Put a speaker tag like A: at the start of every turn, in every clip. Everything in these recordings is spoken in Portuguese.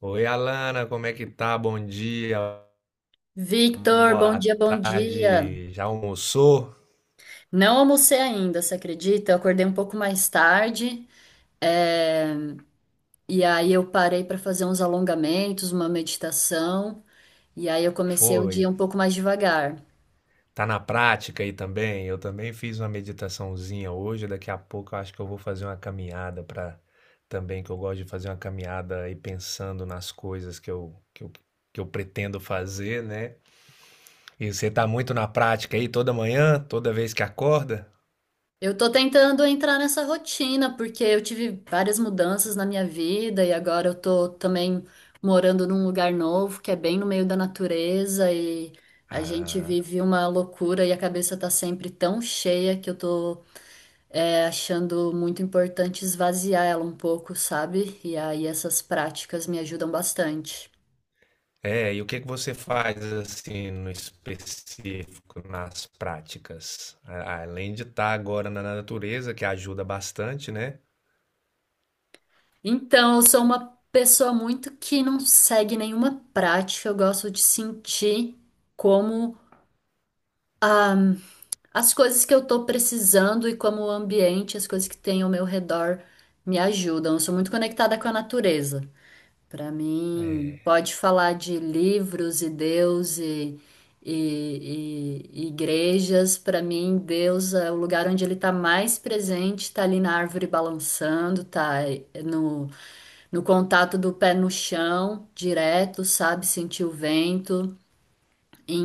A: Oi, Alana, como é que tá? Bom dia,
B: Victor, bom
A: boa
B: dia, bom dia.
A: tarde. Já almoçou?
B: Não almocei ainda, você acredita? Eu acordei um pouco mais tarde, é, e aí eu parei para fazer uns alongamentos, uma meditação, e aí eu comecei o
A: Foi.
B: dia um pouco mais devagar.
A: Tá na prática aí também? Eu também fiz uma meditaçãozinha hoje. Daqui a pouco eu acho que eu vou fazer uma caminhada para também, que eu gosto de fazer uma caminhada e pensando nas coisas que eu pretendo fazer, né? E você tá muito na prática aí toda manhã, toda vez que acorda?
B: Eu tô tentando entrar nessa rotina, porque eu tive várias mudanças na minha vida, e agora eu tô também morando num lugar novo, que é bem no meio da natureza, e a gente
A: Ah.
B: vive uma loucura e a cabeça tá sempre tão cheia que eu tô achando muito importante esvaziar ela um pouco, sabe? E aí essas práticas me ajudam bastante.
A: É, e o que que você faz assim no específico, nas práticas? Além de estar agora na natureza, que ajuda bastante, né?
B: Então, eu sou uma pessoa muito que não segue nenhuma prática, eu gosto de sentir como as coisas que eu tô precisando e como o ambiente, as coisas que tem ao meu redor me ajudam. Eu sou muito conectada com a natureza. Para mim, pode falar de livros e Deus e, e igrejas. Para mim, Deus é o lugar onde ele está mais presente, está ali na árvore balançando, tá no contato do pé no chão, direto, sabe, sentir o vento.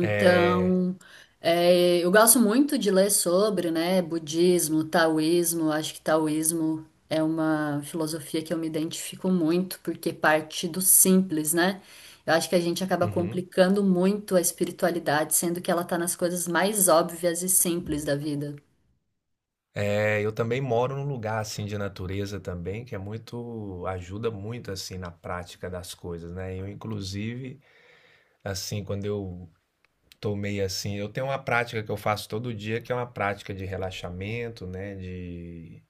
A: É,
B: eu gosto muito de ler sobre, né, budismo, taoísmo. Acho que taoísmo é uma filosofia que eu me identifico muito, porque parte do simples, né? Eu acho que a gente acaba
A: uhum.
B: complicando muito a espiritualidade, sendo que ela tá nas coisas mais óbvias e simples da vida.
A: É, eu também moro num lugar assim de natureza também, que é muito, ajuda muito assim na prática das coisas, né? Eu inclusive, assim, quando eu tô meio assim. Eu tenho uma prática que eu faço todo dia, que é uma prática de relaxamento, né? De,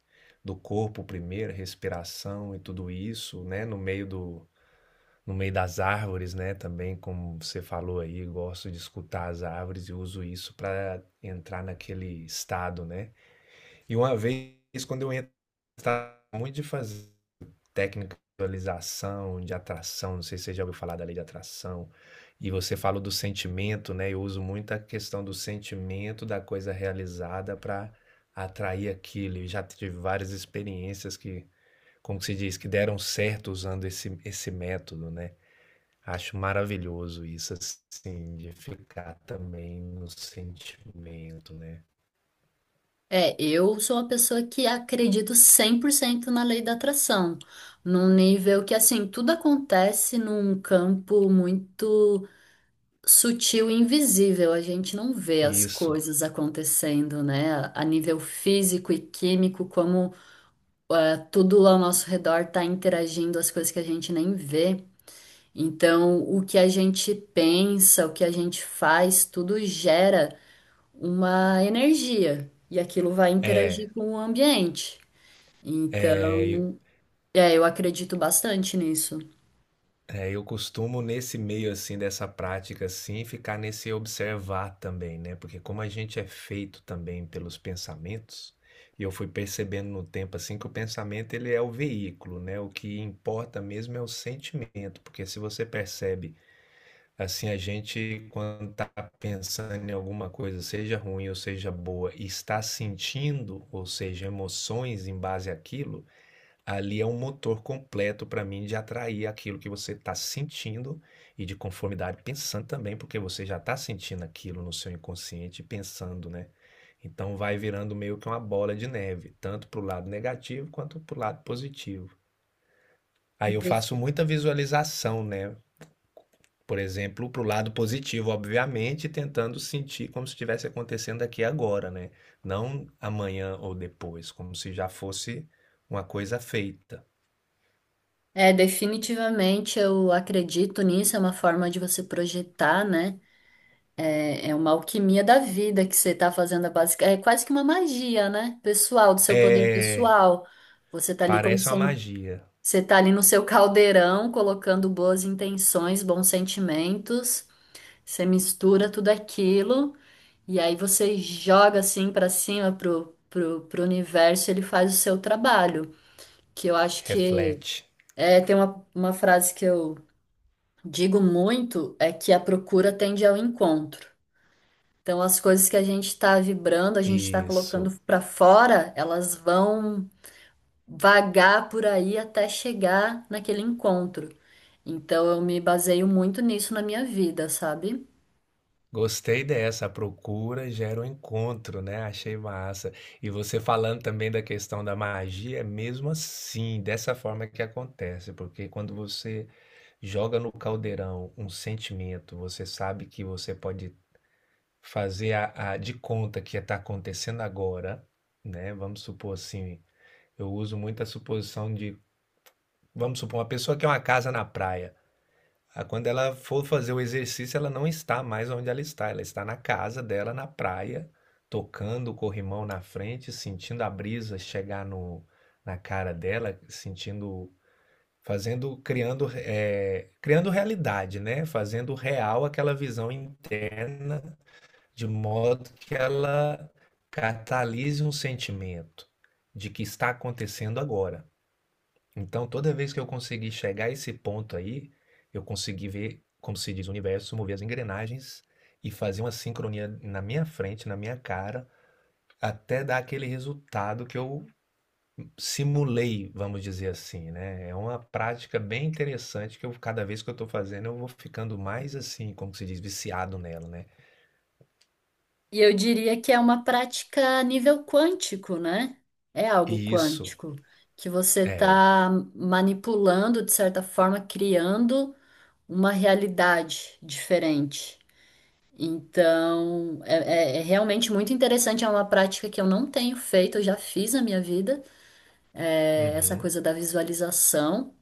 A: do corpo primeiro, respiração e tudo isso, né? No meio do, no meio das árvores, né? Também, como você falou aí, gosto de escutar as árvores e uso isso para entrar naquele estado, né? E uma vez, quando eu entrava muito de fazer técnica de visualização, de atração, não sei se você já ouviu falar da lei de atração. E você falou do sentimento, né? Eu uso muito a questão do sentimento da coisa realizada para atrair aquilo. Eu já tive várias experiências que, como se diz, que deram certo usando esse método, né? Acho maravilhoso isso, assim, de ficar também no sentimento, né?
B: É, eu sou uma pessoa que acredito 100% na lei da atração, num nível que, assim, tudo acontece num campo muito sutil e invisível, a gente não vê as
A: Isso.
B: coisas acontecendo, né? A nível físico e químico, como tudo ao nosso redor está interagindo, as coisas que a gente nem vê. Então, o que a gente pensa, o que a gente faz, tudo gera uma energia e aquilo vai interagir com o ambiente.
A: É.
B: Então, eu acredito bastante nisso.
A: É, eu costumo nesse meio assim dessa prática assim, ficar nesse observar também, né? Porque como a gente é feito também pelos pensamentos, e eu fui percebendo no tempo assim que o pensamento ele é o veículo, né? O que importa mesmo é o sentimento, porque se você percebe assim a gente quando está pensando em alguma coisa, seja ruim ou seja boa, e está sentindo, ou seja, emoções em base àquilo, ali é um motor completo para mim de atrair aquilo que você está sentindo e de conformidade pensando também, porque você já está sentindo aquilo no seu inconsciente e pensando, né? Então vai virando meio que uma bola de neve, tanto para o lado negativo quanto para o lado positivo. Aí eu
B: De-
A: faço muita visualização, né? Por exemplo, para o lado positivo, obviamente, tentando sentir como se estivesse acontecendo aqui agora, né? Não amanhã ou depois, como se já fosse uma coisa feita.
B: É, definitivamente eu acredito nisso, é uma forma de você projetar, né? É uma alquimia da vida que você está fazendo, é é quase que uma magia, né? Pessoal, do seu poder
A: É,
B: pessoal. Você está ali com
A: parece uma
B: sen-
A: magia.
B: Você tá ali no seu caldeirão, colocando boas intenções, bons sentimentos. Você mistura tudo aquilo e aí você joga assim para cima pro universo, ele faz o seu trabalho. Que eu acho que
A: Reflete.
B: tem uma frase que eu digo muito, é que a procura tende ao encontro. Então, as coisas que a gente está vibrando, a gente está colocando
A: Isso.
B: para fora, elas vão vagar por aí até chegar naquele encontro. Então, eu me baseio muito nisso na minha vida, sabe?
A: Gostei dessa. A procura gera o encontro, né? Achei massa. E você falando também da questão da magia, é mesmo assim, dessa forma que acontece, porque quando você joga no caldeirão um sentimento, você sabe que você pode fazer de conta que está acontecendo agora, né? Vamos supor assim, eu uso muito a suposição de, vamos supor, uma pessoa que é uma casa na praia. Ah, quando ela for fazer o exercício, ela não está mais onde ela está. Ela está na casa dela, na praia, tocando o corrimão na frente, sentindo a brisa chegar no, na cara dela, sentindo, fazendo, criando, criando realidade, né? Fazendo real aquela visão interna, de modo que ela catalise um sentimento de que está acontecendo agora. Então, toda vez que eu consegui chegar a esse ponto aí, eu consegui ver, como se diz, o universo mover as engrenagens e fazer uma sincronia na minha frente, na minha cara, até dar aquele resultado que eu simulei, vamos dizer assim, né? É uma prática bem interessante que eu, cada vez que eu estou fazendo, eu vou ficando mais assim, como se diz, viciado nela, né?
B: E eu diria que é uma prática a nível quântico, né? É algo
A: E isso
B: quântico, que você
A: é,
B: está manipulando, de certa forma, criando uma realidade diferente. Então, é realmente muito interessante, é uma prática que eu não tenho feito, eu já fiz na minha vida, é essa
A: uhum,
B: coisa da visualização.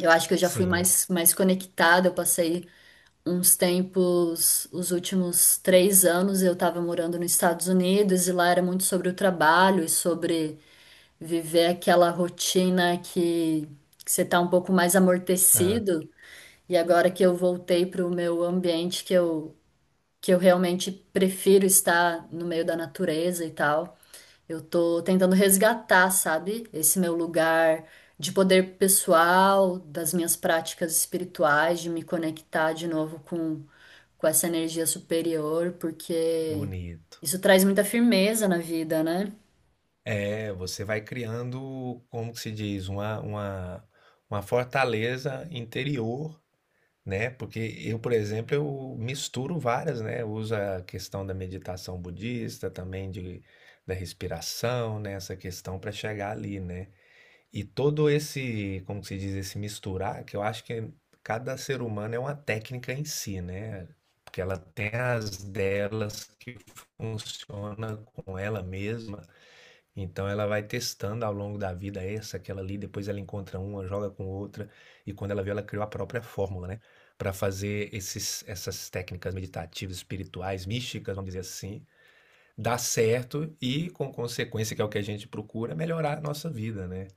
B: Eu acho que eu já fui
A: sim,
B: mais conectada, eu passei uns tempos, os últimos 3 anos eu estava morando nos Estados Unidos e lá era muito sobre o trabalho e sobre viver aquela rotina que você está um pouco mais amortecido. E agora que eu voltei para o meu ambiente que eu realmente prefiro estar no meio da natureza e tal. Eu tô tentando resgatar, sabe, esse meu lugar de poder pessoal, das minhas práticas espirituais, de me conectar de novo com essa energia superior, porque
A: bonito.
B: isso traz muita firmeza na vida, né?
A: É, você vai criando, como que se diz, uma fortaleza interior, né? Porque eu, por exemplo, eu misturo várias, né? Eu uso a questão da meditação budista, também de, da respiração, né? Essa questão para chegar ali, né? E todo esse, como que se diz, esse misturar, que eu acho que cada ser humano é uma técnica em si, né? Porque ela tem as delas que funciona com ela mesma, então ela vai testando ao longo da vida essa, aquela ali, depois ela encontra uma, joga com outra, e quando ela vê, ela criou a própria fórmula, né? Para fazer esses, essas técnicas meditativas, espirituais, místicas, vamos dizer assim, dar certo e, com consequência, que é o que a gente procura, melhorar a nossa vida, né?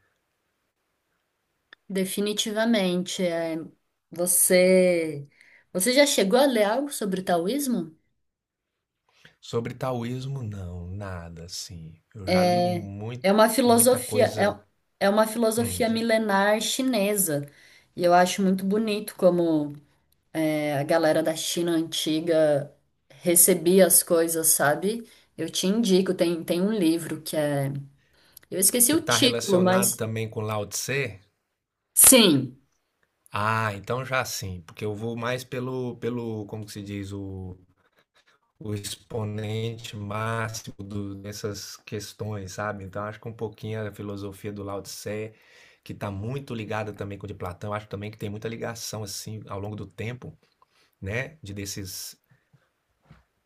B: Definitivamente. É, você, você já chegou a ler algo sobre o taoísmo?
A: Sobre taoísmo, não, nada assim. Eu já li muito,
B: É uma
A: muita
B: filosofia,
A: coisa.
B: é uma
A: Hum,
B: filosofia milenar chinesa. E eu acho muito bonito como a galera da China antiga recebia as coisas, sabe? Eu te indico, tem um livro que é. Eu esqueci
A: que
B: o
A: está
B: título,
A: relacionado
B: mas.
A: também com Lao Tse.
B: Sim.
A: Ah, então já sim, porque eu vou mais pelo, como que se diz, o exponente máximo dessas questões, sabe? Então acho que um pouquinho a filosofia do Lao Tse, que está muito ligada também com o de Platão, acho também que tem muita ligação assim ao longo do tempo, né? De desses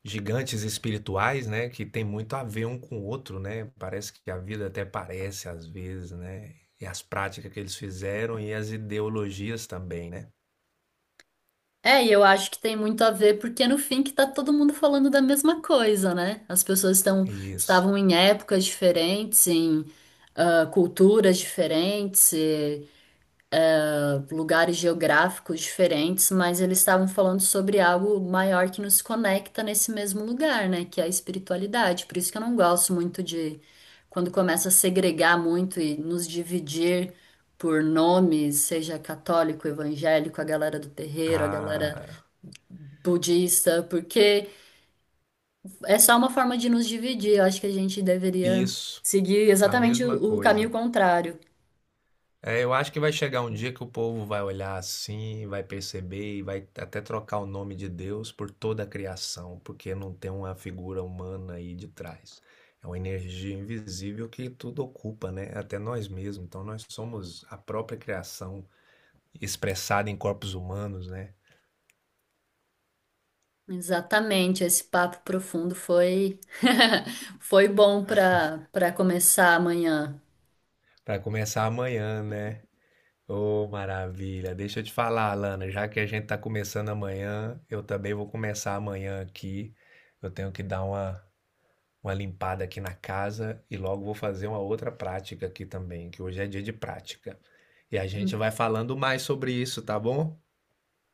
A: gigantes espirituais, né? Que tem muito a ver um com o outro, né? Parece que a vida até parece às vezes, né? E as práticas que eles fizeram e as ideologias também, né?
B: É, e eu acho que tem muito a ver, porque no fim que tá todo mundo falando da mesma coisa, né? As pessoas estão,
A: Isso.
B: estavam em épocas diferentes, em culturas diferentes. Lugares geográficos diferentes, mas eles estavam falando sobre algo maior que nos conecta nesse mesmo lugar, né? Que é a espiritualidade. Por isso que eu não gosto muito de quando começa a segregar muito e nos dividir por nomes, seja católico, evangélico, a galera do terreiro, a galera
A: Ah,
B: budista, porque é só uma forma de nos dividir. Eu acho que a gente deveria
A: isso,
B: seguir
A: a
B: exatamente
A: mesma
B: o caminho
A: coisa.
B: contrário.
A: É, eu acho que vai chegar um dia que o povo vai olhar assim, vai perceber e vai até trocar o nome de Deus por toda a criação, porque não tem uma figura humana aí de trás. É uma energia invisível que tudo ocupa, né? Até nós mesmos. Então nós somos a própria criação expressada em corpos humanos, né?
B: Exatamente, esse papo profundo foi foi bom para começar amanhã.
A: Para começar amanhã, né? Ô, maravilha. Deixa eu te falar, Alana, já que a gente tá começando amanhã, eu também vou começar amanhã aqui. Eu tenho que dar uma limpada aqui na casa e logo vou fazer uma outra prática aqui também, que hoje é dia de prática. E a gente vai falando mais sobre isso, tá bom?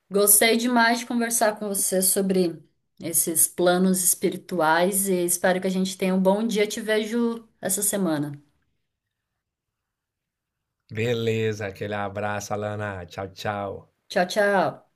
B: Gostei demais de conversar com você sobre esses planos espirituais e espero que a gente tenha um bom dia. Te vejo essa semana.
A: Beleza, aquele abraço, Alana. Tchau, tchau.
B: Tchau, tchau.